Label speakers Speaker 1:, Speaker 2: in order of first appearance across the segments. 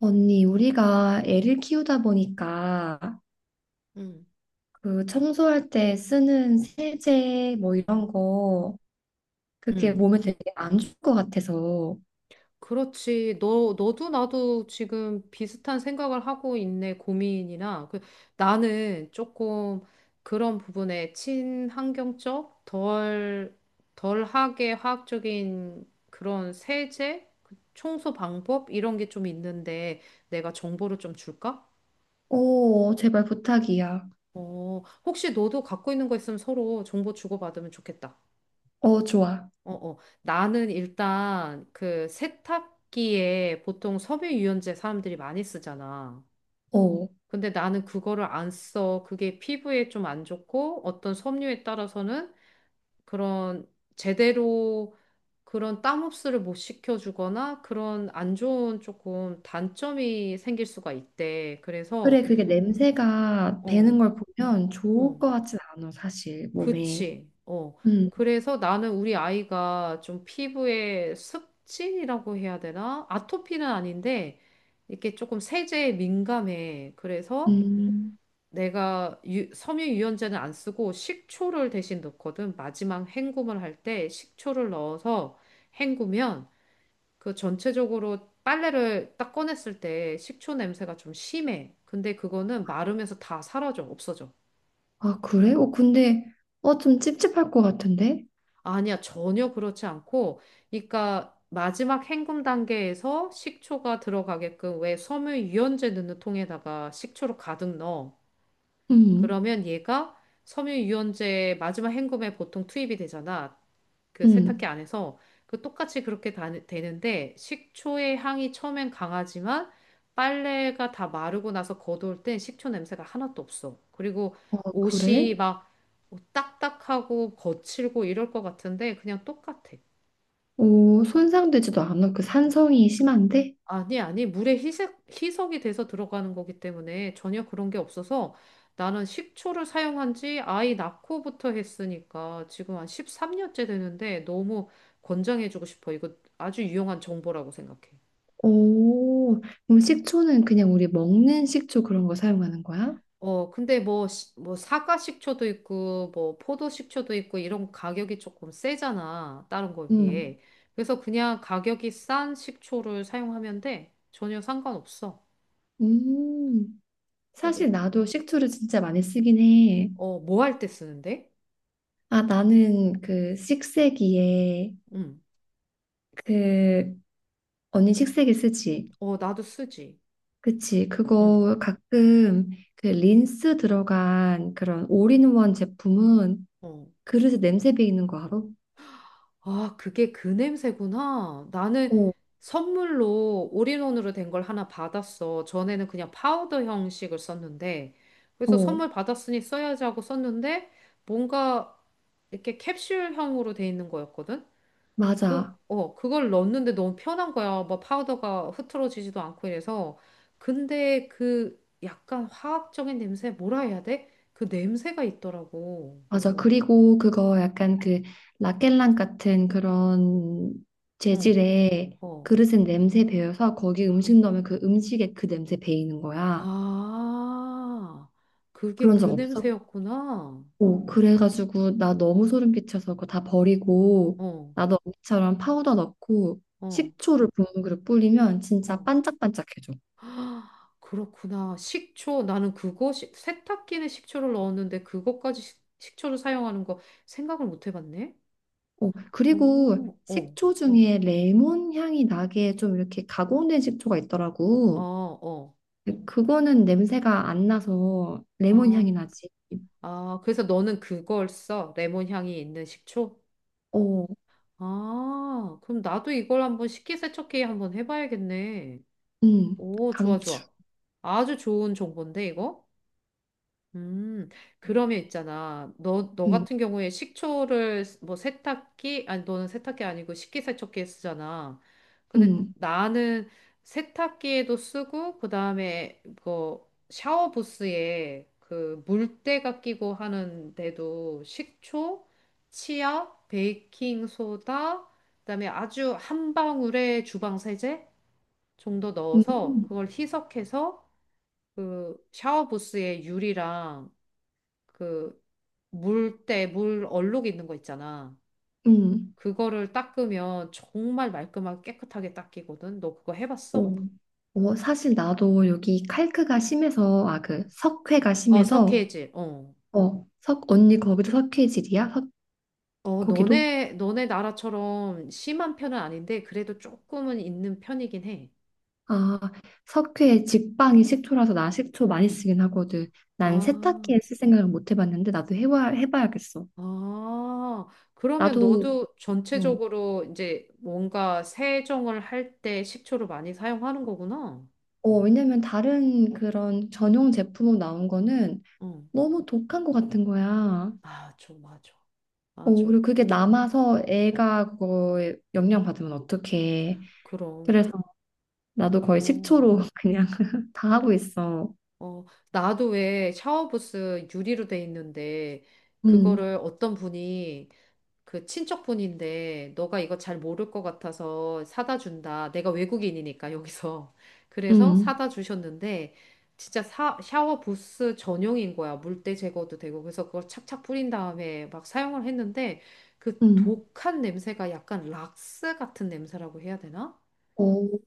Speaker 1: 언니, 우리가 애를 키우다 보니까
Speaker 2: 음,
Speaker 1: 그 청소할 때 쓰는 세제 뭐 이런 거, 그게
Speaker 2: 음.
Speaker 1: 몸에 되게 안 좋을 것 같아서.
Speaker 2: 그렇지. 너도 나도 지금 비슷한 생각을 하고 있네, 고민이나. 그, 나는 조금 그런 부분에 친환경적, 덜하게 화학적인 그런 세제, 그 청소 방법, 이런 게 좀 있는데 내가 정보를 좀 줄까?
Speaker 1: 어 제발 부탁이야.
Speaker 2: 어, 혹시 너도 갖고 있는 거 있으면 서로 정보 주고받으면 좋겠다.
Speaker 1: 어 좋아.
Speaker 2: 어, 어. 나는 일단 그 세탁기에 보통 섬유 유연제 사람들이 많이 쓰잖아.
Speaker 1: 어
Speaker 2: 근데 나는 그거를 안 써. 그게 피부에 좀 안 좋고 어떤 섬유에 따라서는 그런 제대로 그런 땀 흡수를 못 시켜주거나 그런 안 좋은 조금 단점이 생길 수가 있대.
Speaker 1: 그래,
Speaker 2: 그래서
Speaker 1: 그게 냄새가 배는
Speaker 2: 어,
Speaker 1: 걸 보면 좋을
Speaker 2: 어.
Speaker 1: 것 같진 않아 사실 몸에.
Speaker 2: 그치. 어.
Speaker 1: 음.
Speaker 2: 그래서 나는 우리 아이가 좀 피부에 습진이라고 해야 되나? 아토피는 아닌데, 이렇게 조금 세제에 민감해. 그래서
Speaker 1: 음.
Speaker 2: 내가 섬유 유연제는 안 쓰고 식초를 대신 넣거든. 마지막 헹굼을 할 때 식초를 넣어서 헹구면 그 전체적으로 빨래를 딱 꺼냈을 때 식초 냄새가 좀 심해. 근데 그거는 마르면서 다 사라져, 없어져.
Speaker 1: 아 그래? 어 근데 어 좀 찝찝할 것 같은데?
Speaker 2: 아니야, 전혀 그렇지 않고, 그러니까 마지막 헹굼 단계에서 식초가 들어가게끔 왜 섬유유연제 넣는 통에다가 식초를 가득 넣어.
Speaker 1: 음.
Speaker 2: 그러면 얘가 섬유유연제 마지막 헹굼에 보통 투입이 되잖아. 그 세탁기
Speaker 1: 음.
Speaker 2: 안에서 그 똑같이 그렇게 다, 되는데 식초의 향이 처음엔 강하지만 빨래가 다 마르고 나서 걷어올 땐 식초 냄새가 하나도 없어. 그리고
Speaker 1: 어 그래?
Speaker 2: 옷이 막 딱딱하고 거칠고 이럴 것 같은데 그냥 똑같아.
Speaker 1: 오 손상되지도 않아. 그 산성이 심한데?
Speaker 2: 아니, 아니, 물에 희석이 돼서 들어가는 거기 때문에 전혀 그런 게 없어서 나는 식초를 사용한 지 아이 낳고부터 했으니까 지금 한 13년째 되는데 너무 권장해주고 싶어. 이거 아주 유용한 정보라고 생각해.
Speaker 1: 오, 그럼 식초는 그냥 우리 먹는 식초 그런 거 사용하는 거야?
Speaker 2: 어, 근데 뭐, 뭐, 사과 식초도 있고, 뭐, 포도 식초도 있고, 이런 가격이 조금 세잖아. 다른 거에
Speaker 1: 음,
Speaker 2: 비해. 그래서 그냥 가격이 싼 식초를 사용하면 돼. 전혀 상관없어.
Speaker 1: 음.
Speaker 2: 그래서,
Speaker 1: 사실 나도 식초를 진짜 많이 쓰긴 해.
Speaker 2: 어, 뭐할 때 쓰는데?
Speaker 1: 아, 나는 그 식세기에
Speaker 2: 응.
Speaker 1: 그 언니 식세기 쓰지?
Speaker 2: 어, 나도 쓰지.
Speaker 1: 그치?
Speaker 2: 응.
Speaker 1: 그거 가끔 그 린스 들어간 그런 올인원 제품은
Speaker 2: 어.
Speaker 1: 그릇에 냄새 배이는 거 알아?
Speaker 2: 아, 그게 그 냄새구나. 나는
Speaker 1: 어,
Speaker 2: 선물로 올인원으로 된 걸 하나 받았어. 전에는 그냥 파우더 형식을 썼는데, 그래서
Speaker 1: 어,
Speaker 2: 선물 받았으니 써야지 하고 썼는데, 뭔가 이렇게 캡슐형으로 돼 있는 거였거든? 그,
Speaker 1: 맞아.
Speaker 2: 어, 그걸 넣었는데 너무 편한 거야. 뭐 파우더가 흐트러지지도 않고 이래서. 근데 그 약간 화학적인 냄새, 뭐라 해야 돼? 그 냄새가 있더라고.
Speaker 1: 맞아. 그리고 그거 약간 그 라켈랑 같은 그런
Speaker 2: 응.
Speaker 1: 재질의
Speaker 2: 어.
Speaker 1: 그릇에 냄새 배어서 거기 음식 넣으면 그 음식에 그 냄새 배이는 거야.
Speaker 2: 아, 그게
Speaker 1: 그런
Speaker 2: 그
Speaker 1: 적 없어?
Speaker 2: 냄새였구나.
Speaker 1: 오, 그래가지고 나 너무 소름 끼쳐서 그거 다 버리고
Speaker 2: 어,
Speaker 1: 나도 언니처럼 파우더 넣고
Speaker 2: 어,
Speaker 1: 식초를 붓는 그릇 뿌리면 진짜
Speaker 2: 어.
Speaker 1: 반짝반짝해져.
Speaker 2: 아, 그렇구나. 식초. 나는 그거, 세탁기는 식초를 넣었는데 그것까지 식초를 사용하는 거 생각을 못 해봤네.
Speaker 1: 오, 그리고
Speaker 2: 오, 어,
Speaker 1: 식초 중에 레몬 향이 나게 좀 이렇게 가공된 식초가
Speaker 2: 어,
Speaker 1: 있더라고.
Speaker 2: 어.
Speaker 1: 그거는 냄새가 안 나서 레몬
Speaker 2: 아,
Speaker 1: 향이 나지.
Speaker 2: 아, 그래서 너는 그걸 써. 레몬 향이 있는 식초?
Speaker 1: 어,
Speaker 2: 아, 그럼 나도 이걸 한번 식기세척기에 한번 해봐야겠네. 오, 좋아,
Speaker 1: 강추.
Speaker 2: 좋아. 아주 좋은 정보인데, 이거? 음, 그러면 있잖아. 너
Speaker 1: 음,
Speaker 2: 같은 경우에 식초를 뭐 세탁기, 아니, 너는 세탁기 아니고 식기세척기에 쓰잖아. 근데
Speaker 1: 음,
Speaker 2: 나는 세탁기에도 쓰고, 그 다음에 그 샤워부스에 그 물때가 끼고 하는 데도 식초, 치약, 베이킹소다, 그다음에 아주 한 방울의 주방세제 정도 넣어서
Speaker 1: 음,
Speaker 2: 그걸 희석해서 그 샤워부스에 유리랑 그 물때, 물 얼룩 있는 거 있잖아.
Speaker 1: 음,
Speaker 2: 그거를 닦으면 정말 말끔하게 깨끗하게 닦이거든. 너 그거 해봤어?
Speaker 1: 어. 어, 사실 나도 여기 칼크가 심해서, 아, 그 석회가
Speaker 2: 어,
Speaker 1: 심해서,
Speaker 2: 석회질. 어.
Speaker 1: 어, 석, 언니 거기도 석회질이야? 석,
Speaker 2: 어,
Speaker 1: 거기도?
Speaker 2: 너네 나라처럼 심한 편은 아닌데, 그래도 조금은 있는 편이긴 해.
Speaker 1: 아, 석회 직방이 식초라서 나 식초 많이 쓰긴 하거든. 난
Speaker 2: 아,
Speaker 1: 세탁기에 쓸 생각을 못 해봤는데, 나도 해봐, 해봐야겠어.
Speaker 2: 아. 그러면
Speaker 1: 나도
Speaker 2: 너도
Speaker 1: 뭐
Speaker 2: 전체적으로 이제 뭔가 세정을 할 때 식초를 많이 사용하는 거구나.
Speaker 1: 어, 왜냐면 다른 그런 전용 제품으로 나온 거는
Speaker 2: 응.
Speaker 1: 너무 독한 것 같은 거야.
Speaker 2: 아, 좀 맞아.
Speaker 1: 어,
Speaker 2: 맞아.
Speaker 1: 그리고 그게 남아서 애가 그거에 영향 받으면 어떡해.
Speaker 2: 그럼.
Speaker 1: 그래서 나도 거의
Speaker 2: 어.
Speaker 1: 식초로 그냥 다 하고 있어.
Speaker 2: 어, 나도 왜 샤워부스 유리로 돼 있는데,
Speaker 1: 응,
Speaker 2: 그거를 어떤 분이, 그 친척분인데, 너가 이거 잘 모를 것 같아서 사다 준다. 내가 외국인이니까, 여기서. 그래서
Speaker 1: 응,
Speaker 2: 사다 주셨는데, 진짜 샤워부스 전용인 거야. 물때 제거도 되고. 그래서 그걸 착착 뿌린 다음에 막 사용을 했는데, 그
Speaker 1: 응.
Speaker 2: 독한 냄새가 약간 락스 같은 냄새라고 해야 되나?
Speaker 1: 어,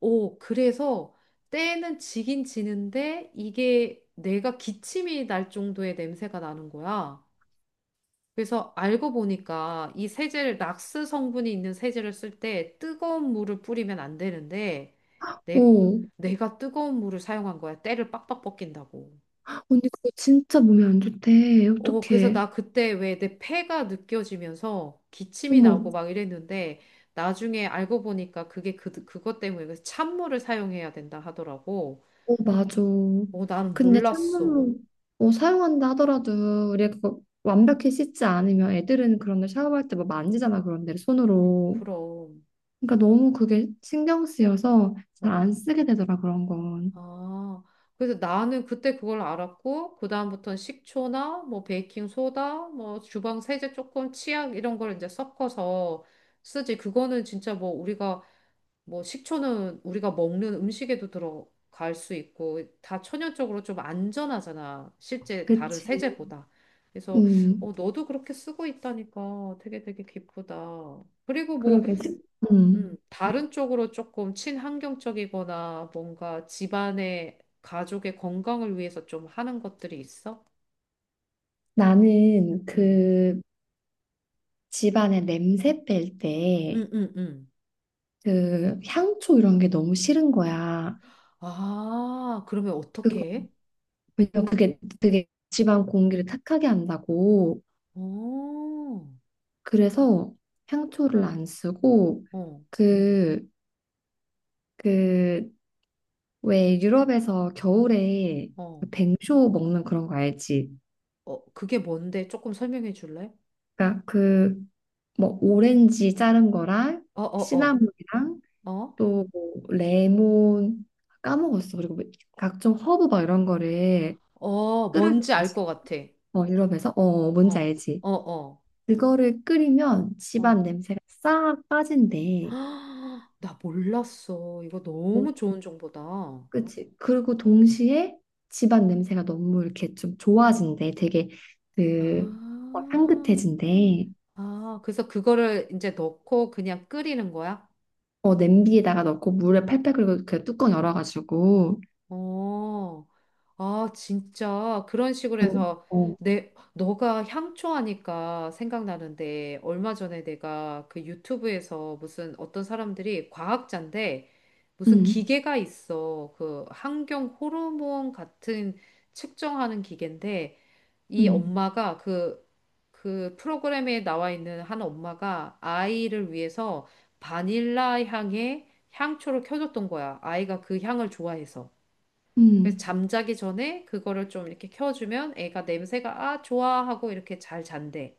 Speaker 2: 오, 그래서 때는 지긴 지는데 이게 내가 기침이 날 정도의 냄새가 나는 거야. 그래서 알고 보니까 이 세제를 낙스 성분이 있는 세제를 쓸 때 뜨거운 물을 뿌리면 안 되는데 내,
Speaker 1: 어.
Speaker 2: 내가 뜨거운 물을 사용한 거야. 때를 빡빡 벗긴다고.
Speaker 1: 언니 그거 진짜 몸에 안 좋대.
Speaker 2: 어, 그래서
Speaker 1: 어떡해.
Speaker 2: 나 그때 왜 내 폐가 느껴지면서 기침이
Speaker 1: 어머.
Speaker 2: 나고 막 이랬는데 나중에 알고 보니까 그게 그것 때문에 그래서 찬물을 사용해야 된다 하더라고.
Speaker 1: 어, 맞아.
Speaker 2: 어, 난
Speaker 1: 근데
Speaker 2: 몰랐어.
Speaker 1: 찬물로 어, 사용한다 하더라도 우리가 그거 완벽히 씻지 않으면 애들은 그런데 샤워할 때 뭐 만지잖아, 그런 데를 손으로.
Speaker 2: 그럼.
Speaker 1: 그러니까 너무 그게 신경 쓰여서 잘
Speaker 2: 어.
Speaker 1: 안 쓰게 되더라 그런 건.
Speaker 2: 아, 그래서 나는 그때 그걸 알았고, 그다음부터는 식초나, 뭐, 베이킹소다, 뭐, 주방 세제 조금, 치약, 이런 걸 이제 섞어서 쓰지. 그거는 진짜 뭐, 우리가, 뭐, 식초는 우리가 먹는 음식에도 들어갈 수 있고, 다 천연적으로 좀 안전하잖아. 실제 다른
Speaker 1: 그치.
Speaker 2: 세제보다. 그래서,
Speaker 1: 음,
Speaker 2: 어, 너도 그렇게 쓰고 있다니까 되게 되게 기쁘다. 그리고 뭐,
Speaker 1: 그러게. 음,
Speaker 2: 다른 쪽으로 조금 친환경적이거나 뭔가 집안의 가족의 건강을 위해서 좀 하는 것들이 있어?
Speaker 1: 나는
Speaker 2: 음,
Speaker 1: 그 집안에 냄새 뺄 때
Speaker 2: 음, 음, 음.
Speaker 1: 그 향초 이런 게 너무 싫은 거야.
Speaker 2: 아, 그러면
Speaker 1: 그거
Speaker 2: 어떻게 해?
Speaker 1: 왜냐면 그게 되게 집안 공기를 탁하게 한다고.
Speaker 2: 오,
Speaker 1: 그래서 향초를 안 쓰고
Speaker 2: 어,
Speaker 1: 그, 그, 왜 유럽에서 겨울에
Speaker 2: 어,
Speaker 1: 그 뱅쇼 먹는 그런 거 알지?
Speaker 2: 어, 그게 뭔데? 조금 설명해 줄래?
Speaker 1: 그러니까 그 뭐 오렌지 자른 거랑
Speaker 2: 어, 어, 어,
Speaker 1: 시나몬이랑
Speaker 2: 어,
Speaker 1: 또뭐 레몬 까먹었어. 그리고 뭐 각종 허브 막 이런 거를
Speaker 2: 어,
Speaker 1: 끓여서
Speaker 2: 뭔지 알 것 같아.
Speaker 1: 어, 유럽에서 어 뭔지
Speaker 2: 어,
Speaker 1: 알지?
Speaker 2: 어, 어,
Speaker 1: 그거를 끓이면 집안
Speaker 2: 어.
Speaker 1: 냄새가 싹
Speaker 2: 헉,
Speaker 1: 빠진대.
Speaker 2: 나 몰랐어. 이거
Speaker 1: 뭐
Speaker 2: 너무 좋은 정보다.
Speaker 1: 그치. 그리고 동시에 집안 냄새가 너무 이렇게 좀 좋아진대. 되게 그 어,
Speaker 2: 아.
Speaker 1: 향긋해진대.
Speaker 2: 아, 그래서 그거를 이제 넣고 그냥 끓이는 거야?
Speaker 1: 어, 냄비에다가 넣고 물에 팔팔 끓이고 그 뚜껑 열어가지고.
Speaker 2: 어, 아, 진짜. 그런 식으로
Speaker 1: 음.
Speaker 2: 해서
Speaker 1: 어.
Speaker 2: 내, 너가 향초 하니까 생각나는데, 얼마 전에 내가 그 유튜브에서 무슨 어떤 사람들이 과학자인데, 무슨
Speaker 1: 음,
Speaker 2: 기계가 있어. 그 환경 호르몬 같은 측정하는 기계인데, 이
Speaker 1: 음,
Speaker 2: 엄마가 그, 그 프로그램에 나와 있는 한 엄마가 아이를 위해서 바닐라 향의 향초를 켜줬던 거야. 아이가 그 향을 좋아해서. 그래서
Speaker 1: 음,
Speaker 2: 잠자기 전에 그거를 좀 이렇게 켜주면 애가 냄새가 아, 좋아 하고 이렇게 잘 잔대.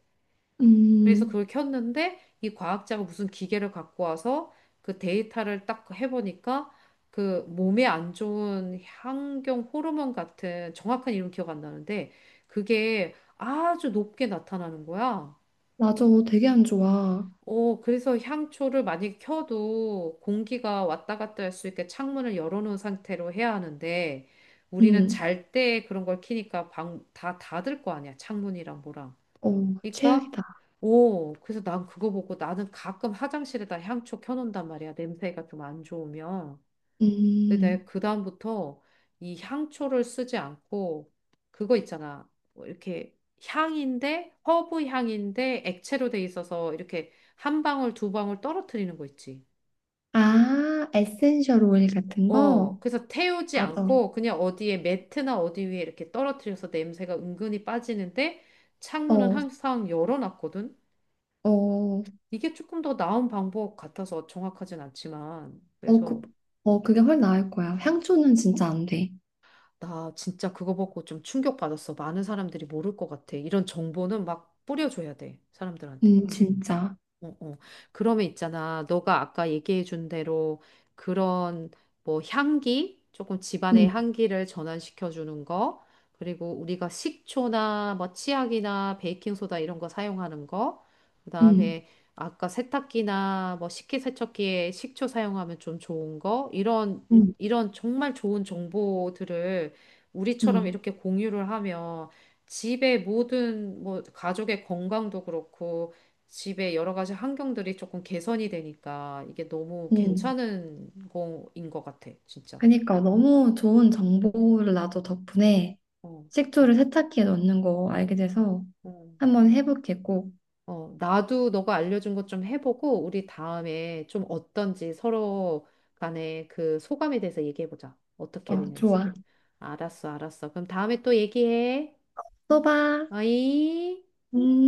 Speaker 2: 그래서
Speaker 1: 음.
Speaker 2: 그걸 켰는데 이 과학자가 무슨 기계를 갖고 와서 그 데이터를 딱 해보니까 그 몸에 안 좋은 환경 호르몬 같은 정확한 이름 기억 안 나는데 그게 아주 높게 나타나는 거야.
Speaker 1: 맞아. 되게 안 좋아.
Speaker 2: 어, 그래서 향초를 만약에 켜도 공기가 왔다 갔다 할 수 있게 창문을 열어놓은 상태로 해야 하는데 우리는
Speaker 1: 음.
Speaker 2: 잘 때 그런 걸 키니까 방, 다 닫을 거 아니야. 창문이랑 뭐랑.
Speaker 1: 어,
Speaker 2: 그러니까
Speaker 1: 최악이다.
Speaker 2: 오 그래서 난 그거 보고 나는 가끔 화장실에다 향초 켜놓는단 말이야 냄새가 좀 안 좋으면 근데
Speaker 1: 음.
Speaker 2: 내가 그다음부터 이 향초를 쓰지 않고 그거 있잖아 뭐 이렇게 향인데 허브 향인데 액체로 돼 있어서 이렇게 한 방울 두 방울 떨어뜨리는 거 있지
Speaker 1: 아, 에센셜 오일 같은
Speaker 2: 어
Speaker 1: 거?
Speaker 2: 그래서 태우지
Speaker 1: 맞아.
Speaker 2: 않고 그냥 어디에 매트나 어디 위에 이렇게 떨어뜨려서 냄새가 은근히 빠지는데 창문은
Speaker 1: 어,
Speaker 2: 항상 열어놨거든
Speaker 1: 어,
Speaker 2: 이게 조금 더 나은 방법 같아서 정확하진 않지만,
Speaker 1: 어, 그,
Speaker 2: 그래서
Speaker 1: 어, 그게 훨씬 나을 거야. 향초는 진짜 안 돼.
Speaker 2: 나 진짜 그거 보고 좀 충격받았어. 많은 사람들이 모를 것 같아. 이런 정보는 막 뿌려줘야 돼, 사람들한테.
Speaker 1: 진짜.
Speaker 2: 어, 어. 그러면 있잖아. 너가 아까 얘기해 준 대로 그런 뭐 향기, 조금 집안의
Speaker 1: 음,
Speaker 2: 향기를 전환시켜 주는 거, 그리고 우리가 식초나 뭐 치약이나 베이킹소다 이런 거 사용하는 거,
Speaker 1: 음,
Speaker 2: 그다음에 아까 세탁기나 뭐 식기세척기에 식초 사용하면 좀 좋은 거, 이런
Speaker 1: 음,
Speaker 2: 이런 정말 좋은 정보들을 우리처럼
Speaker 1: 음,
Speaker 2: 이렇게 공유를 하면 집의 모든 뭐 가족의 건강도 그렇고 집의 여러 가지 환경들이 조금 개선이 되니까 이게 너무
Speaker 1: 음.
Speaker 2: 괜찮은 거인 것 같아, 진짜.
Speaker 1: 그러니까 너무 좋은 정보를 나도 덕분에
Speaker 2: 어.
Speaker 1: 식초를 세탁기에 넣는 거 알게 돼서
Speaker 2: 음. 어,
Speaker 1: 한번 해볼게, 꼭.
Speaker 2: 어, 나도 너가 알려준 것 좀 해보고, 우리 다음에 좀 어떤지 서로 간에 그 소감에 대해서 얘기해보자. 어떻게
Speaker 1: 어,
Speaker 2: 됐는지.
Speaker 1: 좋아.
Speaker 2: 알았어, 알았어. 그럼 다음에 또 얘기해.
Speaker 1: 써봐.
Speaker 2: 어이?
Speaker 1: 음.